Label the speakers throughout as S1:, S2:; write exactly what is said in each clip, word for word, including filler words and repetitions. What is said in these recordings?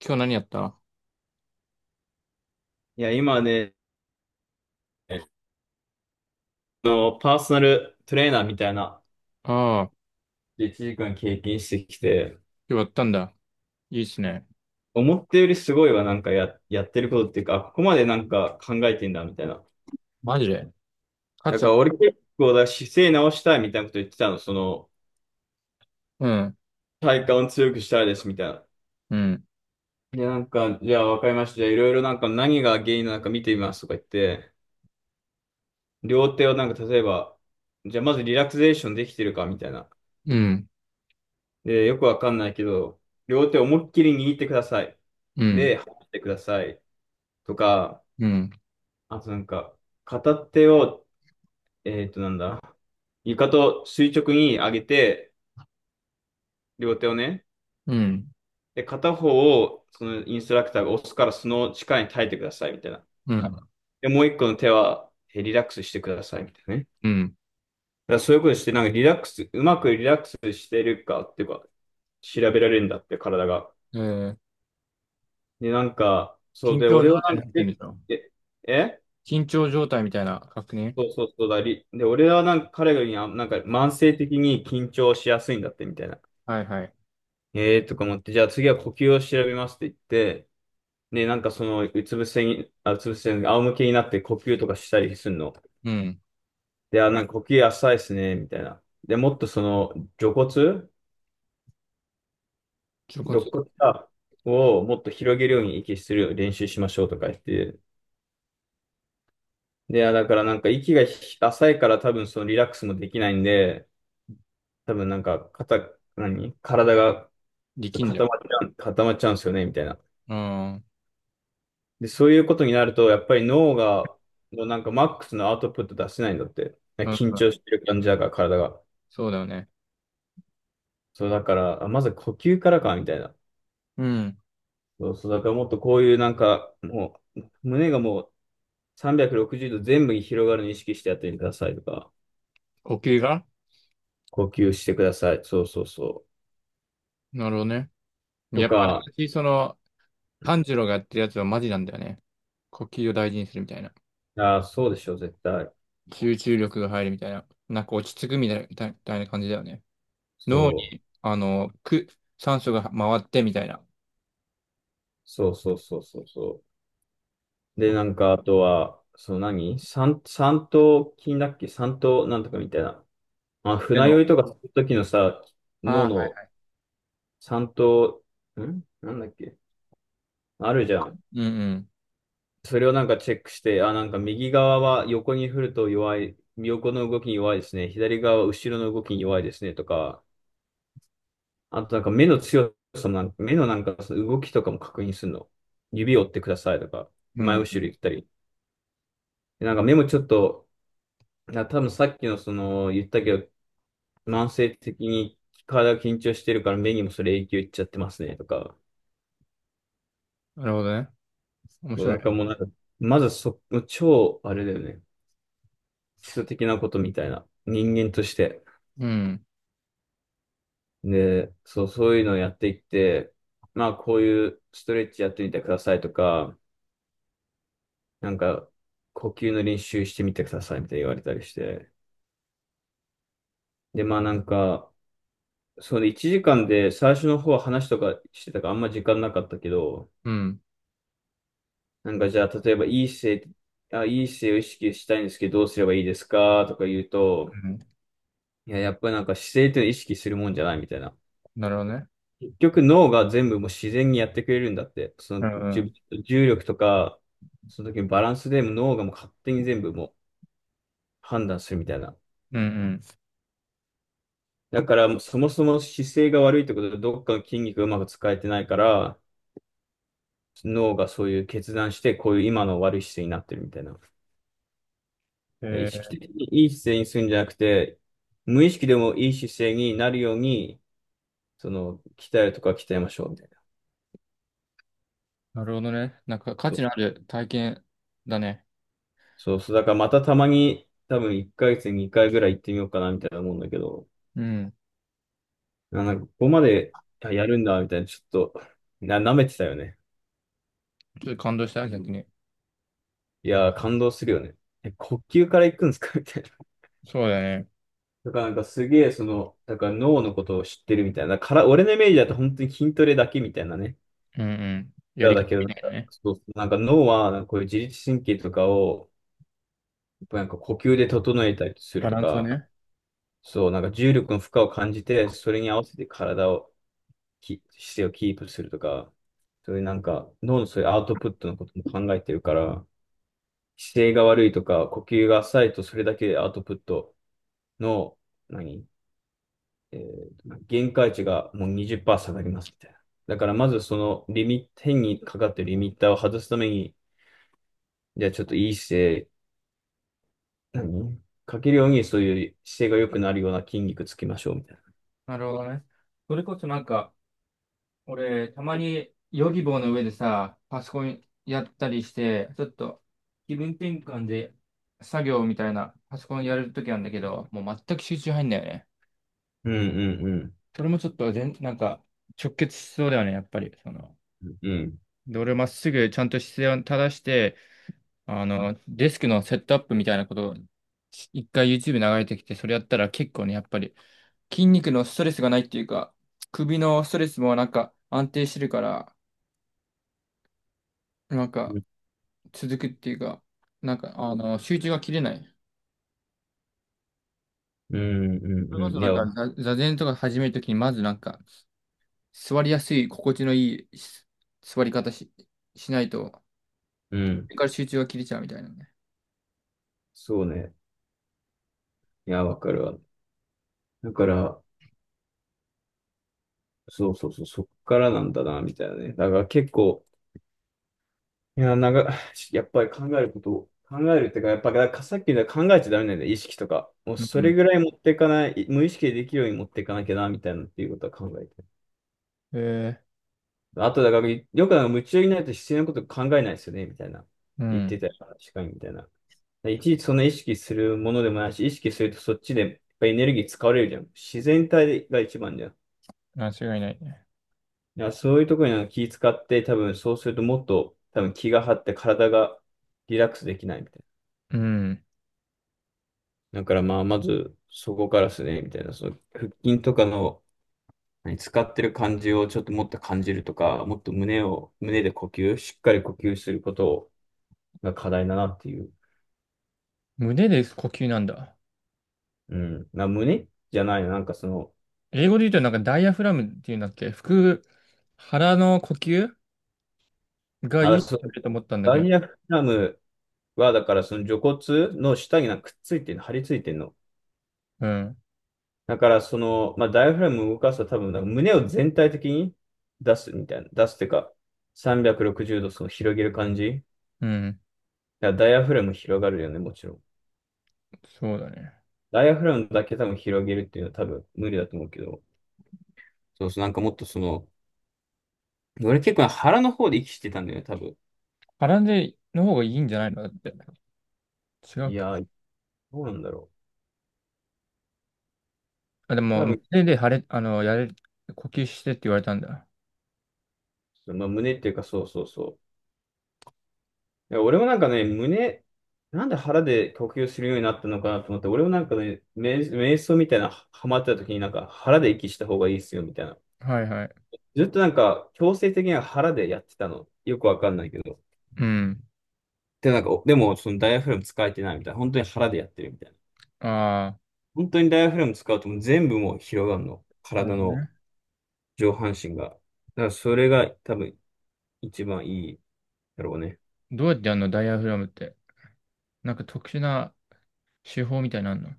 S1: 今日何やったあ
S2: いや、今ね、あの、パーソナルトレーナーみたいな、
S1: あー、
S2: いちじかん経験してきて、
S1: 今日やったんだ。いいっすね。
S2: 思ったよりすごいわ。なんかや、やってることっていうか、あここまでなんか考えてんだ、みたいな。
S1: マジで。勝っ
S2: なん
S1: ちゃっ
S2: か
S1: た。
S2: 俺結構だ、姿勢直したいみたいなこと言ってたの。その、
S1: うん、
S2: 体幹を強くしたいです、みたいな。
S1: うん、
S2: で、なんか、じゃあわかりました。じゃあいろいろなんか何が原因なのか見てみますとか言って、両手をなんか例えば、じゃあまずリラクゼーションできてるか、みたいな。
S1: うん、
S2: で、よくわかんないけど、両手思いっきり握ってください。
S1: うん、
S2: で、離してください。とか、
S1: うん、
S2: あとなんか、片手を、えっとなんだ、床と垂直に上げて、両手をね、
S1: うん、
S2: で、片方をそのインストラクターが押すからその力に耐えてくださいみたいな。
S1: うん、
S2: で、もう一個の手は、えリラックスしてくださいみたいなね。
S1: うん。
S2: だからそういうことして、なんかリラックス、うまくリラックスしてるかっていうか、調べられるんだって体が。
S1: えー、
S2: で、なんか、そう
S1: 緊
S2: で、
S1: 張
S2: 俺は
S1: 状
S2: な
S1: 態
S2: ん
S1: に
S2: か、
S1: なってるんでしょ？
S2: え、え
S1: 緊張状態みたいな確認。
S2: そうそうそうだり。で、俺はなんか彼がにあなんか慢性的に緊張しやすいんだってみたいな。
S1: はいはい。
S2: えーとか思って、じゃあ次は呼吸を調べますって言って、で、なんかその、うつ伏せに、あ、うつ伏せに、仰向けになって呼吸とかしたりするの。
S1: うん。
S2: で、あ、なんか呼吸浅いですね、みたいな。で、もっとその、除骨
S1: ちょこ。
S2: 肋骨かをもっと広げるように息する練習しましょうとか言って。で、あ、だからなんか息がひ浅いから多分そのリラックスもできないんで、多分なんか肩、何体が
S1: で
S2: そう
S1: きんじゃ
S2: 固
S1: ん。
S2: まっちゃう、固まっちゃうんですよね、みたいな。
S1: うん、うん、
S2: で、そういうことになると、やっぱり脳が、のなんかマックスのアウトプット出せないんだって。緊張してる感じだから、体が。
S1: そうだよね。
S2: そう、だから、あまず呼吸からか、みたいな。
S1: うん。
S2: そうそう、だからもっとこういうなんか、もう、胸がもうさんびゃくろくじゅうど全部に広がるのを意識してやってみてくださいとか、
S1: 呼吸が。
S2: 呼吸してください。そうそうそ
S1: なるほどね。
S2: う。と
S1: やっぱあなが
S2: か、
S1: ち、その、炭治郎がやってるやつはマジなんだよね。呼吸を大事にするみたいな。
S2: ああ、そうでしょ、絶対。
S1: 集中力が入るみたいな。なんか落ち着くみたいな、みたいな感じだよね。脳
S2: そう、
S1: に、あの、く、酸素が回ってみたいな。
S2: そうそうそうそうそう。で、なんか、あとは、その何三、三頭筋だっけ三頭なんとかみたいな。まあ、
S1: で
S2: 船
S1: の。
S2: 酔いとかするときのさ、
S1: あ
S2: 脳
S1: あー、
S2: の
S1: は
S2: 三頭、んなんだっけあるじゃん。
S1: い。うん
S2: それをなんかチェックして、あ、なんか右側は横に振ると弱い、横の動きに弱いですね。左側は後ろの動きに弱いですね。とか、あとなんか目の強さもなんか、目のなんかその動きとかも確認するの。指を折ってくださいとか、
S1: う
S2: 前
S1: ん。う
S2: 後ろ
S1: ん。
S2: 行ったり。でなんか目もちょっと、な、多分さっきのその言ったけど、慢性的に体が緊張してるから目にもそれ影響いっちゃってますねとか、
S1: なるほどね。面白い
S2: だか
S1: ね。
S2: らもうなんか、まずそ、超あれだよね、基礎的なことみたいな、人間として。
S1: うん。
S2: で、そう、そういうのをやっていって、まあこういうストレッチやってみてくださいとか、なんか呼吸の練習してみてくださいみたいに言われたりして。で、まあなんか、そのいちじかんで最初の方は話とかしてたからあんま時間なかったけど、
S1: うん。
S2: なんかじゃあ、例えば、いい姿勢、あ、いい姿勢を意識したいんですけど、どうすればいいですかとか言うと、
S1: うん。
S2: いや、やっぱりなんか姿勢っていうのは意識するもんじゃないみたいな。
S1: なるほどね。
S2: 結局脳が全部もう自然にやってくれるんだって。そ
S1: う
S2: の
S1: んう
S2: 重
S1: ん。
S2: 重力とか、その時のバランスでも脳がもう勝手に全部もう判断するみたいな。
S1: うん
S2: だからもうそもそも姿勢が悪いってことで、どっかの筋肉がうまく使えてないから、脳がそういう決断して、こういう今の悪い姿勢になってるみたいな。
S1: うん。
S2: 意
S1: え
S2: 識
S1: ー、
S2: 的にいい姿勢にするんじゃなくて、無意識でもいい姿勢になるように、その、鍛えるとか鍛えましょうみたいな。
S1: なるほどね。なんか価
S2: そ
S1: 値
S2: う、
S1: のある体験だね。
S2: そうそう、だからまたたまに、多分いっかげつににかいぐらい行ってみようかなみたいな思うんだけど、
S1: うん。
S2: あなんかここまであやるんだみたいな、ちょっと、な、舐めてたよね。
S1: ちょっと感動した、逆に。
S2: いやー、感動するよね。え、呼吸から行くんですかみたいな。
S1: そうだね。
S2: だからなんかすげえ、その、だから脳のことを知ってるみたいな。から、俺のイメージだと本当に筋トレだけみたいなね。
S1: うんうん。や
S2: だ
S1: り方
S2: だけど、な
S1: み
S2: ん
S1: たいな
S2: か、
S1: ね。
S2: そう、なんか脳は、こういう自律神経とかを、なんか呼吸で整えたりする
S1: バ
S2: と
S1: ランスを
S2: か、
S1: ね。
S2: そう、なんか重力の負荷を感じて、それに合わせて体をき、姿勢をキープするとか、そういうなんか、脳のそういうアウトプットのことも考えてるから、姿勢が悪いとか、呼吸が浅いと、それだけでアウトプットの、何えー限界値がもうにじゅっパーセント下がりますみたいな。だからまずそのリミット、変にかかってるリミッターを外すために、じゃあちょっといい姿勢何かけるようにそういう姿勢が良くなるような筋肉つきましょうみたいな。
S1: なるほどね。それこそなんか、俺、たまにヨギボーの上でさ、パソコンやったりして、ちょっと気分転換で作業みたいなパソコンやるときなんだけど、もう全く集中入んないよね。
S2: うんうん
S1: それもちょっと全、なんか直結しそうだよね、やっぱり。その、
S2: うん。うん。
S1: で、俺まっすぐちゃんと姿勢を正して、あの、デスクのセットアップみたいなことを一回 YouTube 流れてきて、それやったら結構ね、やっぱり筋肉のストレスがないっていうか、首のストレスもなんか安定してるから、なんか、続くっていうか、なんか、あの、集中が切れない。
S2: うんう
S1: そ
S2: ん
S1: れこ
S2: う
S1: そ
S2: ん。い
S1: なん
S2: や、
S1: か、座座禅とか始めるときに、まずなんか、座りやすい、心地のいいし座り方し、しないと、そ
S2: うん。
S1: れから集中が切れちゃうみたいなね。
S2: そうね。いや、わかるわ。だから、そうそうそう、そっからなんだな、みたいなね。だから結構、いや、なんか、やっぱり考えることを、考えるってか、やっぱ、だからさっき言った考えちゃダメなんだよね、意識とか。もう
S1: うん
S2: そ
S1: う
S2: れ
S1: ん。
S2: ぐらい持っていかない、無意識でできるように持っていかなきゃな、みたいなっていうことは考えて
S1: え
S2: あと、だから、よくなんか夢中になると必要なこと考えないですよね、みたいな。
S1: ー、う
S2: 言って
S1: ん。
S2: たよ確かに、みたいな。いちいちそんな意識するものでもないし、意識するとそっちでやっぱエネルギー使われるじゃん。自然体が一番じゃん。
S1: 間違いないね。
S2: いや、そういうところになんか気使って、多分そうするともっと多分気が張って体がリラックスできないみたい
S1: うん。
S2: な。だからまあ、まずそこからですね、みたいな。その腹筋とかの何使ってる感じをちょっともっと感じるとか、もっと胸を、胸で呼吸、しっかり呼吸することが課題だなっていう。
S1: 胸で呼吸なんだ。
S2: うん。な、胸じゃないの。なんかその、
S1: 英語で言うとなんかダイアフラムっていうんだっけ腹、腹の呼吸がい
S2: あ、
S1: い
S2: そう。
S1: と思ったんだけ
S2: ダ
S1: ど。
S2: イアフラムは、だからその除骨の下になんかくっついてるの、張り付いてるの。
S1: うん。
S2: だからその、まあ、ダイアフラムを動かすと多分、なんか胸を全体的に出すみたいな。出すっていうか、さんびゃくろくじゅうどその広げる感じ。
S1: うん。
S2: だからダイアフラム広がるよね、もちろん。
S1: そうだね。
S2: ダイアフラムだけ多分広げるっていうのは多分無理だと思うけど。そうそう、なんかもっとその、俺結構腹の方で息してたんだよね、多分。
S1: 腹での方がいいんじゃないのだって。違うっ
S2: い
S1: け？
S2: やー、どうなんだろ
S1: あ、で
S2: う。
S1: も、
S2: 多分、
S1: 胸で腫れ、あの、やれ、呼吸してって言われたんだ。
S2: まあ、胸っていうか、そうそうそう。いや俺もなんかね、胸、なんで腹で呼吸するようになったのかなと思って、俺もなんかね、瞑、瞑想みたいな、ハマってた時になんか腹で息した方がいいっすよ、みたいな。
S1: はいはい。
S2: ずっとなんか、強制的には腹でやってたの。よくわかんないけど。
S1: うん。
S2: で、なんか、おでも、そのダイヤフラム使えてないみたいな。本当に腹でやってるみたいな。
S1: あ
S2: 本当にダイヤフラム使うともう全部もう広がるの。
S1: あ、なる
S2: 体
S1: ほど
S2: の
S1: ね。
S2: 上半身が。だからそれが多分一番いいだろうね。
S1: どうやってやるのダイヤフラムって？なんか特殊な手法みたいなのあんの？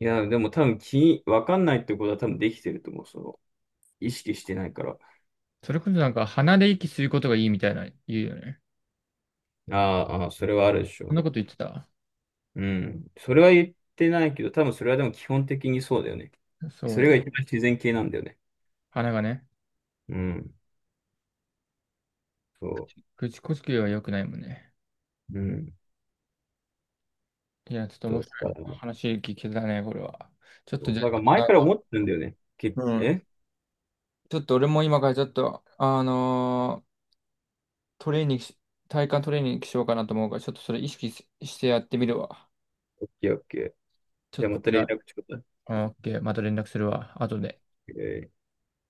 S2: いや、でも多分気、わかんないってことは多分できてると思う。その、意識してないから。
S1: それこそなんか鼻で息することがいいみたいな言うよね。
S2: ああ、ああそれはあるでし
S1: そん
S2: ょ
S1: なこと言ってた？
S2: う。うん。それは言ってないけど、多分それはでも基本的にそうだよね。
S1: そう
S2: そ
S1: だ
S2: れ
S1: よ。
S2: が一番自然系なんだよね。
S1: 鼻がね。
S2: うん。そ
S1: 口呼吸は良くないもんね。
S2: う。うん。
S1: いや、ちょっと
S2: そ
S1: 面
S2: う。
S1: 白い
S2: だから、
S1: 話聞けたね、これは。ちょっと
S2: そ
S1: じゃ
S2: う
S1: あ、
S2: だから前から思ってるんだよね。け、
S1: あの、うん。
S2: え
S1: ちょっと俺も今からちょっと、あのートレーニングし、体幹トレーニングしようかなと思うから、ちょっとそれ意識ししてやってみるわ。
S2: オッケーオッケー。
S1: ちょ
S2: じ
S1: っ
S2: ゃあ
S1: と
S2: また
S1: じ
S2: 連
S1: ゃ
S2: 絡ちょうだい。
S1: あ、オッケー、また連絡するわ、後で。
S2: えー